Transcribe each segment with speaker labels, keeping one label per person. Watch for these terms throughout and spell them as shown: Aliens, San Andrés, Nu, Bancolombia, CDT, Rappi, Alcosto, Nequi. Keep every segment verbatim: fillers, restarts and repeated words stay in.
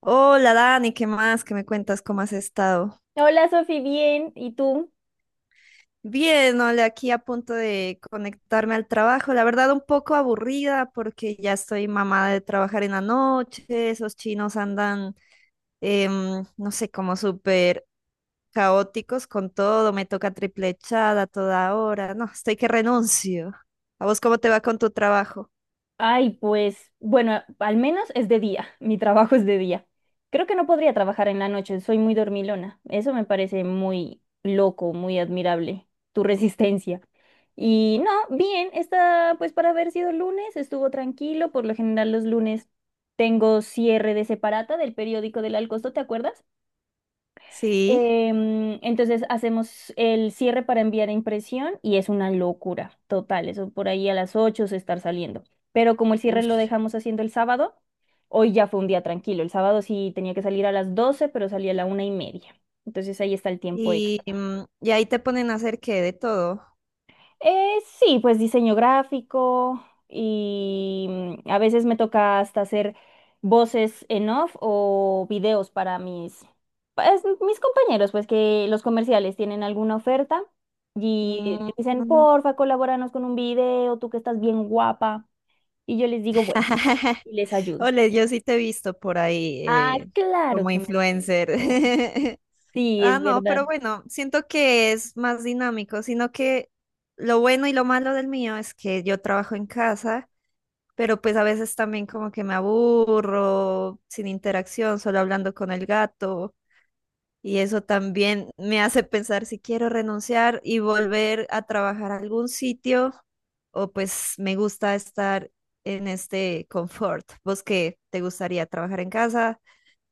Speaker 1: Hola Dani, ¿qué más? ¿Qué me cuentas? ¿Cómo has estado?
Speaker 2: Hola Sofi, bien. ¿Y tú?
Speaker 1: Bien, hola, aquí a punto de conectarme al trabajo. La verdad, un poco aburrida porque ya estoy mamada de trabajar en la noche. Esos chinos andan, em, no sé, como súper caóticos con todo. Me toca triple echada a toda hora. No, estoy que renuncio. ¿A vos cómo te va con tu trabajo?
Speaker 2: Ay, pues bueno, al menos es de día. Mi trabajo es de día. Creo que no podría trabajar en la noche, soy muy dormilona. Eso me parece muy loco, muy admirable, tu resistencia. Y no, bien, está pues para haber sido lunes, estuvo tranquilo. Por lo general los lunes tengo cierre de separata del periódico del Alcosto, ¿te acuerdas?
Speaker 1: Sí.
Speaker 2: Em, entonces hacemos el cierre para enviar a impresión y es una locura total. Eso por ahí a las ocho se estar saliendo. Pero como el cierre lo
Speaker 1: Ush.
Speaker 2: dejamos haciendo el sábado, hoy ya fue un día tranquilo. El sábado sí tenía que salir a las doce, pero salí a la una y media. Entonces ahí está el tiempo
Speaker 1: Y,
Speaker 2: extra.
Speaker 1: mm, y ahí te ponen a hacer qué de todo.
Speaker 2: Eh, sí, pues diseño gráfico y mm, a veces me toca hasta hacer voces en off o videos para mis, pues, mis compañeros, pues que los comerciales tienen alguna oferta y
Speaker 1: Mm.
Speaker 2: me dicen, porfa, colabóranos con un video, tú que estás bien guapa. Y yo les digo, bueno, y les ayudo.
Speaker 1: Ole, yo sí te he visto por ahí
Speaker 2: Ah,
Speaker 1: eh,
Speaker 2: claro
Speaker 1: como
Speaker 2: que me has
Speaker 1: influencer.
Speaker 2: visto. Sí,
Speaker 1: Ah,
Speaker 2: es
Speaker 1: no,
Speaker 2: verdad.
Speaker 1: pero bueno, siento que es más dinámico, sino que lo bueno y lo malo del mío es que yo trabajo en casa, pero pues a veces también como que me aburro, sin interacción, solo hablando con el gato. Y eso también me hace pensar si quiero renunciar y volver a trabajar a algún sitio o pues me gusta estar en este confort. ¿Vos qué? ¿Te gustaría trabajar en casa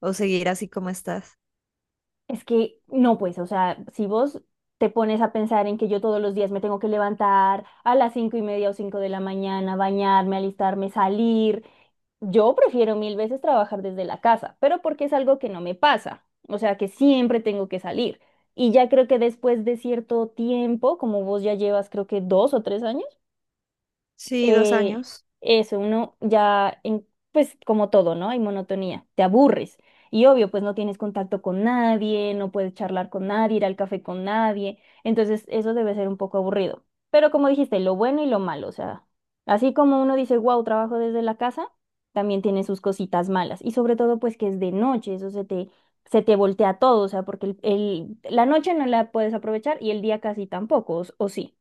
Speaker 1: o seguir así como estás?
Speaker 2: Es que no, pues, o sea, si vos te pones a pensar en que yo todos los días me tengo que levantar a las cinco y media o cinco de la mañana, bañarme, alistarme, salir, yo prefiero mil veces trabajar desde la casa, pero porque es algo que no me pasa, o sea, que siempre tengo que salir. Y ya creo que después de cierto tiempo, como vos ya llevas creo que dos o tres años,
Speaker 1: Sí, dos
Speaker 2: eh,
Speaker 1: años.
Speaker 2: eso, uno ya, en- pues como todo, ¿no? Hay monotonía, te aburres. Y obvio, pues no tienes contacto con nadie, no puedes charlar con nadie, ir al café con nadie. Entonces, eso debe ser un poco aburrido. Pero como dijiste, lo bueno y lo malo, o sea, así como uno dice, wow, trabajo desde la casa, también tiene sus cositas malas. Y sobre todo, pues que es de noche, eso se te, se te voltea todo, o sea, porque el, el- la noche no la puedes aprovechar y el día casi tampoco, o o sí,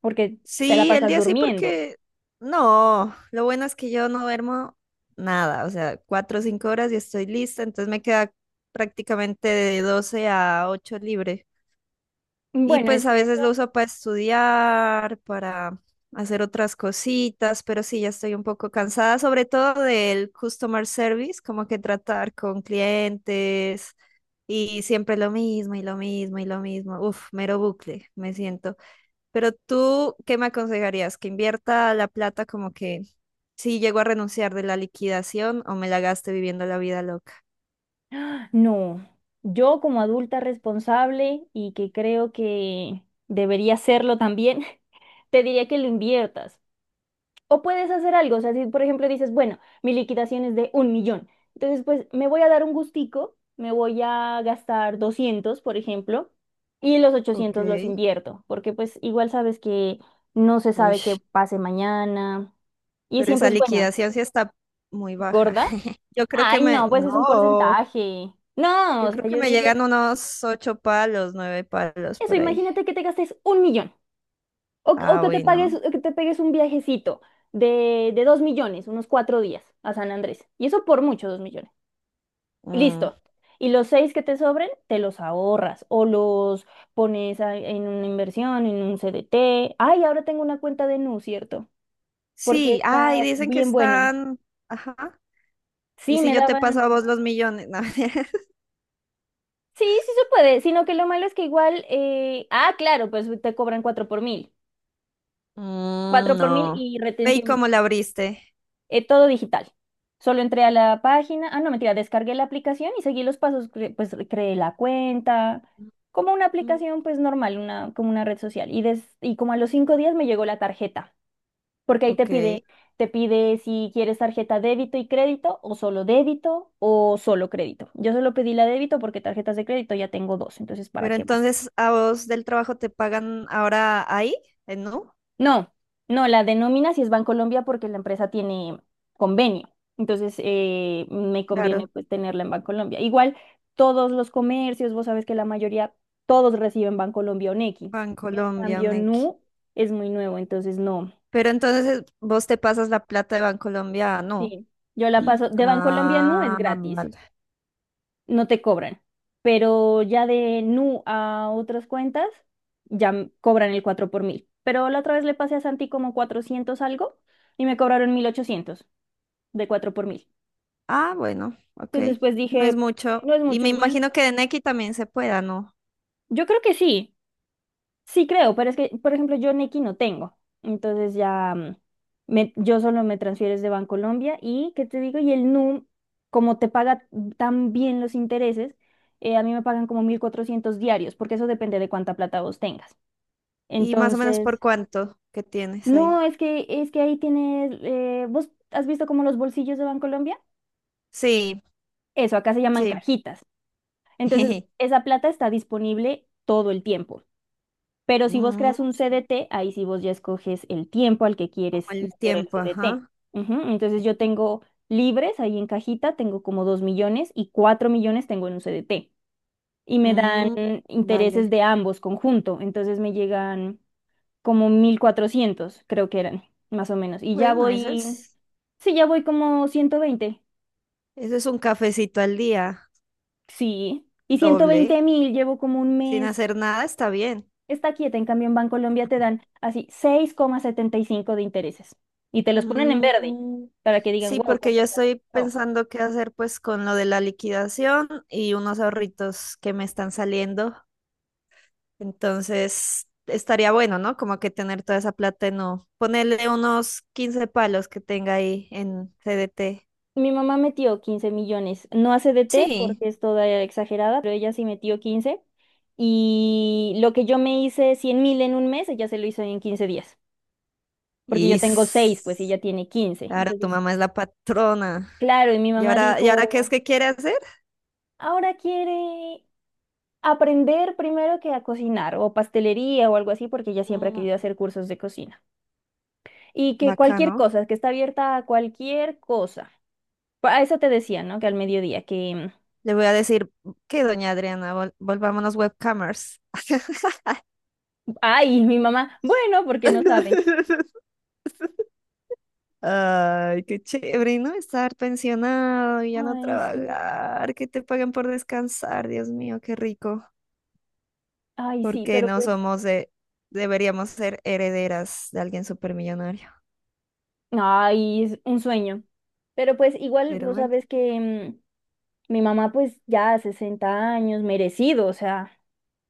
Speaker 2: porque te la
Speaker 1: Sí, el
Speaker 2: pasas
Speaker 1: día sí
Speaker 2: durmiendo.
Speaker 1: porque no, lo bueno es que yo no duermo nada, o sea, cuatro o cinco horas y estoy lista, entonces me queda prácticamente de doce a ocho libre. Y
Speaker 2: Bueno, es
Speaker 1: pues a
Speaker 2: que
Speaker 1: veces lo
Speaker 2: eso...
Speaker 1: uso para estudiar, para hacer otras cositas, pero sí, ya estoy un poco cansada, sobre todo del customer service, como que tratar con clientes y siempre lo mismo y lo mismo y lo mismo. Uf, mero bucle, me siento. Pero tú, ¿qué me aconsejarías? ¿Que invierta la plata como que si llego a renunciar de la liquidación o me la gaste viviendo la vida loca?
Speaker 2: ¡Ah! No, yo como adulta responsable y que creo que debería serlo también, te diría que lo inviertas. O puedes hacer algo, o sea, si por ejemplo dices, bueno, mi liquidación es de un millón, entonces pues me voy a dar un gustico, me voy a gastar doscientos, por ejemplo, y los
Speaker 1: Ok.
Speaker 2: ochocientos los invierto, porque pues igual sabes que no se
Speaker 1: Uy,
Speaker 2: sabe qué pase mañana y
Speaker 1: pero
Speaker 2: siempre
Speaker 1: esa
Speaker 2: es bueno,
Speaker 1: liquidación sí está muy baja.
Speaker 2: gorda.
Speaker 1: Yo creo que
Speaker 2: Ay,
Speaker 1: me,
Speaker 2: no, pues es un
Speaker 1: no,
Speaker 2: porcentaje. No,
Speaker 1: yo
Speaker 2: o sea,
Speaker 1: creo que
Speaker 2: yo
Speaker 1: me
Speaker 2: digo,
Speaker 1: llegan unos ocho palos, nueve palos
Speaker 2: eso,
Speaker 1: por ahí.
Speaker 2: imagínate que te gastes un millón o, que o
Speaker 1: Ah,
Speaker 2: que te pagues,
Speaker 1: bueno.
Speaker 2: o que te pegues un viajecito de, de dos millones, unos cuatro días a San Andrés. Y eso por mucho, dos millones.
Speaker 1: Mm.
Speaker 2: Listo. Y los seis que te sobren, te los ahorras o los pones a... en una inversión, en un C D T. Ay, ahora tengo una cuenta de Nu, ¿cierto? Porque
Speaker 1: Sí, ay,
Speaker 2: está
Speaker 1: dicen que
Speaker 2: bien bueno.
Speaker 1: están, ajá. ¿Y
Speaker 2: Sí,
Speaker 1: si
Speaker 2: me
Speaker 1: yo te paso a
Speaker 2: daban.
Speaker 1: vos los millones? No, mentira.
Speaker 2: Sí, sí se puede, sino que lo malo es que igual, eh, ah, claro, pues te cobran cuatro por mil, cuatro
Speaker 1: Mm,
Speaker 2: por mil
Speaker 1: no.
Speaker 2: y
Speaker 1: Ve y
Speaker 2: retención,
Speaker 1: cómo la abriste.
Speaker 2: eh, todo digital. Solo entré a la página, ah, no, mentira, descargué la aplicación y seguí los pasos, cre- pues creé la cuenta, como una
Speaker 1: Mm,
Speaker 2: aplicación pues normal, una, como una red social. Y, des, y como a los cinco días me llegó la tarjeta, porque ahí te
Speaker 1: ok.
Speaker 2: pide, te pide si quieres tarjeta débito y crédito o solo débito o solo crédito. Yo solo pedí la débito porque tarjetas de crédito ya tengo dos, entonces ¿para
Speaker 1: Pero
Speaker 2: qué más?
Speaker 1: entonces a vos del trabajo te pagan ahora ahí, en Nu.
Speaker 2: No, no, la denomina si es Bancolombia porque la empresa tiene convenio. Entonces, eh, me conviene
Speaker 1: Claro,
Speaker 2: pues tenerla en Bancolombia. Igual, todos los comercios, vos sabes que la mayoría, todos reciben Bancolombia o Nequi. En
Speaker 1: Bancolombia,
Speaker 2: cambio,
Speaker 1: Nequi.
Speaker 2: Nu es muy nuevo, entonces no.
Speaker 1: Pero entonces vos te pasas la plata de Bancolombia a Nu.
Speaker 2: Sí, yo la paso. De Bancolombia a Nu es
Speaker 1: Ah,
Speaker 2: gratis,
Speaker 1: vale.
Speaker 2: no te cobran. Pero ya de Nu a otras cuentas, ya m- cobran el cuatro por mil. Pero la otra vez le pasé a Santi como cuatrocientos algo y me cobraron mil ochocientos de cuatro por mil.
Speaker 1: Ah, bueno, ok.
Speaker 2: Entonces, pues
Speaker 1: No es
Speaker 2: dije,
Speaker 1: mucho.
Speaker 2: no es
Speaker 1: Y
Speaker 2: mucho
Speaker 1: me
Speaker 2: igual.
Speaker 1: imagino que de Nequi también se pueda, ¿no?
Speaker 2: Yo creo que sí, sí creo, pero es que, por ejemplo, yo Nequi no tengo. Entonces ya mm, me- yo solo me transfieres de Bancolombia y, ¿qué te digo? Y el num como te paga tan bien los intereses, eh, a mí me pagan como mil cuatrocientos diarios, porque eso depende de cuánta plata vos tengas.
Speaker 1: Y más o menos por
Speaker 2: Entonces,
Speaker 1: cuánto que tienes
Speaker 2: no,
Speaker 1: ahí.
Speaker 2: es que, es que ahí tienes, eh, ¿vos has visto como los bolsillos de Bancolombia?
Speaker 1: Sí,
Speaker 2: Eso, acá se llaman
Speaker 1: sí.
Speaker 2: cajitas. Entonces, esa plata está disponible todo el tiempo. Pero si vos
Speaker 1: Mm,
Speaker 2: creas un C D T, ahí sí vos ya escoges el tiempo al que
Speaker 1: como
Speaker 2: quieres
Speaker 1: el
Speaker 2: meter el
Speaker 1: tiempo,
Speaker 2: C D T.
Speaker 1: ajá.
Speaker 2: Ujú, entonces, yo tengo libres ahí en cajita, tengo como dos millones y cuatro millones tengo en un C D T. Y me dan
Speaker 1: Mm,
Speaker 2: intereses
Speaker 1: vale.
Speaker 2: de ambos conjunto. Entonces, me llegan como mil cuatrocientos creo que eran, más o menos. Y ya
Speaker 1: Bueno, eso
Speaker 2: voy,
Speaker 1: es,
Speaker 2: sí, ya voy como ciento veinte.
Speaker 1: eso es un cafecito al día,
Speaker 2: Sí. Y ciento
Speaker 1: doble.
Speaker 2: veinte mil, llevo como un
Speaker 1: Sin
Speaker 2: mes,
Speaker 1: hacer nada está bien.
Speaker 2: está quieta. En cambio, en Bancolombia te dan así seis coma setenta y cinco de intereses y te los ponen en verde
Speaker 1: Mm,
Speaker 2: para que digan,
Speaker 1: sí,
Speaker 2: wow,
Speaker 1: porque
Speaker 2: cuánto
Speaker 1: yo
Speaker 2: plata
Speaker 1: estoy
Speaker 2: compró.
Speaker 1: pensando qué hacer pues con lo de la liquidación y unos ahorritos que me están saliendo. Entonces, estaría bueno, ¿no? Como que tener toda esa plata en no. Ponerle unos quince palos que tenga ahí en C D T.
Speaker 2: Mi mamá metió quince millones, no a C D T
Speaker 1: Sí.
Speaker 2: porque es toda exagerada, pero ella sí metió quince y lo que yo me hice cien mil en un mes, ella se lo hizo en quince días, porque
Speaker 1: Y
Speaker 2: yo tengo seis, pues y
Speaker 1: s-
Speaker 2: ella tiene quince.
Speaker 1: Ahora tu
Speaker 2: Entonces,
Speaker 1: mamá es la patrona.
Speaker 2: claro, y mi
Speaker 1: ¿Y
Speaker 2: mamá
Speaker 1: ahora, y ahora qué es
Speaker 2: dijo,
Speaker 1: que quiere hacer?
Speaker 2: ahora quiere aprender primero que a cocinar o pastelería o algo así, porque ella siempre ha
Speaker 1: Mm,
Speaker 2: querido hacer cursos de cocina. Y que cualquier
Speaker 1: bacano.
Speaker 2: cosa, que está abierta a cualquier cosa. Pa- A eso te decía, ¿no? Que al mediodía, que... mm,
Speaker 1: Le voy a decir que doña Adriana, vol- volvámonos webcamers.
Speaker 2: Ay, mi mamá, bueno, porque no sabe.
Speaker 1: Ay, qué chévere, ¿no? Estar pensionado y ya no
Speaker 2: Ay, sí.
Speaker 1: trabajar, que te paguen por descansar, Dios mío, qué rico.
Speaker 2: Ay, sí,
Speaker 1: Porque
Speaker 2: pero
Speaker 1: no
Speaker 2: pues...
Speaker 1: somos de, deberíamos ser herederas de alguien supermillonario.
Speaker 2: Ay, es un sueño. Pero pues igual,
Speaker 1: Pero
Speaker 2: vos
Speaker 1: bueno,
Speaker 2: sabes que mm, mi mamá pues ya sesenta años, merecido, o sea,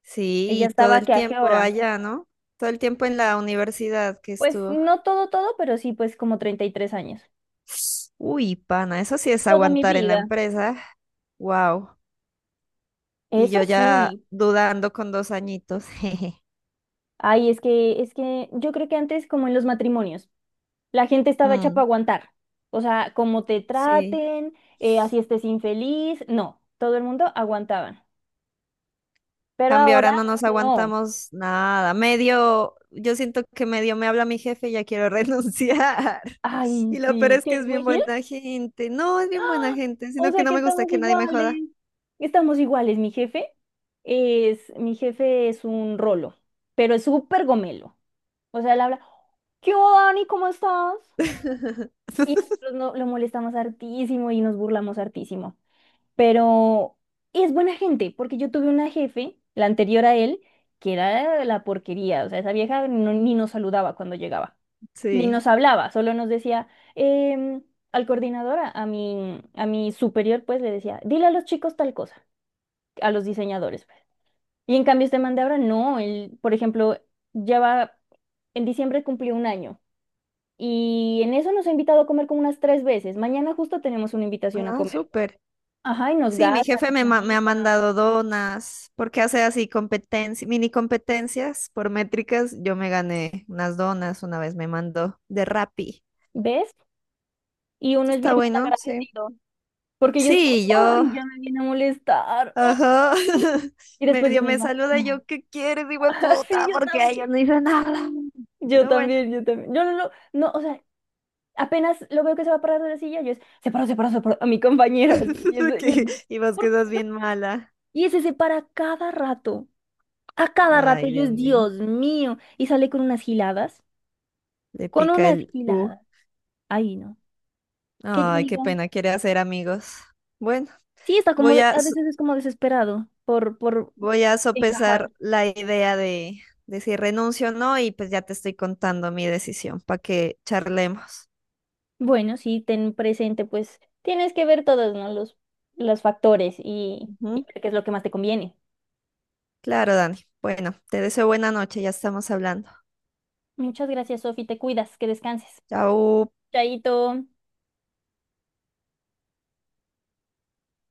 Speaker 1: sí,
Speaker 2: ella
Speaker 1: y todo
Speaker 2: estaba
Speaker 1: el
Speaker 2: que a qué
Speaker 1: tiempo
Speaker 2: hora.
Speaker 1: allá, ¿no? Todo el tiempo en la universidad que
Speaker 2: Pues
Speaker 1: estuvo.
Speaker 2: no todo, todo, pero sí pues como treinta y tres años.
Speaker 1: Uy, pana, eso sí es
Speaker 2: Toda mi
Speaker 1: aguantar en la
Speaker 2: vida.
Speaker 1: empresa. Wow. Y
Speaker 2: Eso
Speaker 1: yo ya
Speaker 2: sí.
Speaker 1: dudando con dos añitos. Jeje.
Speaker 2: Ay, es que, es que yo creo que antes como en los matrimonios. La gente estaba hecha para
Speaker 1: Mm,
Speaker 2: aguantar. O sea, como te
Speaker 1: sí.
Speaker 2: traten, eh, así estés infeliz, no, todo el mundo aguantaban. Pero
Speaker 1: Cambio,
Speaker 2: ahora
Speaker 1: ahora no nos
Speaker 2: no.
Speaker 1: aguantamos nada. Medio, yo siento que medio me habla mi jefe y ya quiero renunciar.
Speaker 2: Ay,
Speaker 1: Y lo peor
Speaker 2: sí,
Speaker 1: es
Speaker 2: ¿qué
Speaker 1: que es
Speaker 2: es muy
Speaker 1: bien
Speaker 2: gil?
Speaker 1: buena gente. No, es bien buena
Speaker 2: ¡Ah!
Speaker 1: gente,
Speaker 2: O
Speaker 1: sino que
Speaker 2: sea
Speaker 1: no
Speaker 2: que
Speaker 1: me gusta
Speaker 2: estamos
Speaker 1: que nadie me joda.
Speaker 2: iguales. Estamos iguales, mi jefe es, mi jefe es un rolo, pero es súper gomelo. O sea, él habla, ¿qué hubo, Dani? ¿Cómo estás? Y nosotros no, lo molestamos hartísimo y nos burlamos hartísimo, pero es buena gente, porque yo tuve una jefe, la anterior a él, que era la porquería, o sea, esa vieja no... ni nos saludaba cuando llegaba, ni
Speaker 1: Sí.
Speaker 2: nos hablaba, solo nos decía, em, al coordinador, a a mi, a mi superior, pues le decía, dile a los chicos tal cosa, a los diseñadores, pues. Y en cambio este man de ahora, no, él, por ejemplo, lleva, en diciembre cumplió un año. Y en eso nos ha invitado a comer como unas tres veces. Mañana justo tenemos una invitación a
Speaker 1: Ah,
Speaker 2: comer.
Speaker 1: súper.
Speaker 2: Ajá, y nos
Speaker 1: Sí, mi
Speaker 2: gasta,
Speaker 1: jefe
Speaker 2: nos
Speaker 1: me, ma- me ha
Speaker 2: invita.
Speaker 1: mandado donas porque hace así competencias, mini competencias por métricas. Yo me gané unas donas, una vez me mandó de Rappi.
Speaker 2: ¿Ves? Y uno es bien
Speaker 1: Está bueno, sí.
Speaker 2: malagradecido, porque yo digo,
Speaker 1: Sí,
Speaker 2: ay,
Speaker 1: yo.
Speaker 2: ya me viene a molestar, oh.
Speaker 1: Ajá.
Speaker 2: Y después yo
Speaker 1: Medio me
Speaker 2: misma,
Speaker 1: saluda y
Speaker 2: ah,
Speaker 1: yo, ¿qué quieres, hijo de
Speaker 2: sí,
Speaker 1: puta?
Speaker 2: yo
Speaker 1: Porque ella
Speaker 2: también.
Speaker 1: no hizo nada.
Speaker 2: Yo
Speaker 1: Pero bueno,
Speaker 2: también, yo también. Yo no, no, no, o sea, apenas lo veo que se va a parar de la silla, yo es, se paró, se paró, se paró, a mi compañero, así. Y, eso... y, es...
Speaker 1: que- y vos
Speaker 2: ¿por qué
Speaker 1: quedas
Speaker 2: no?
Speaker 1: bien mala.
Speaker 2: Y ese se para cada rato, a cada rato,
Speaker 1: Ay,
Speaker 2: yo
Speaker 1: Dios
Speaker 2: es,
Speaker 1: mío.
Speaker 2: Dios mío, y sale con unas giladas,
Speaker 1: Le
Speaker 2: con
Speaker 1: pica
Speaker 2: unas
Speaker 1: el U.
Speaker 2: giladas. Ahí no. Que yo
Speaker 1: Ay, qué
Speaker 2: digo,
Speaker 1: pena, quiere hacer amigos. Bueno,
Speaker 2: sí, está como,
Speaker 1: voy
Speaker 2: de-
Speaker 1: a,
Speaker 2: a
Speaker 1: s-
Speaker 2: veces es como desesperado por, por
Speaker 1: voy a
Speaker 2: encajar.
Speaker 1: sopesar la idea de, de si renuncio o no, y pues ya te estoy contando mi decisión para que charlemos.
Speaker 2: Bueno, sí, ten presente, pues tienes que ver todos, ¿no? Los, los factores y, y
Speaker 1: Ujú.
Speaker 2: ver qué es lo que más te conviene.
Speaker 1: Claro, Dani. Bueno, te deseo buena noche, ya estamos hablando.
Speaker 2: Muchas gracias, Sofi, te cuidas, que descanses.
Speaker 1: Chao.
Speaker 2: Chaito.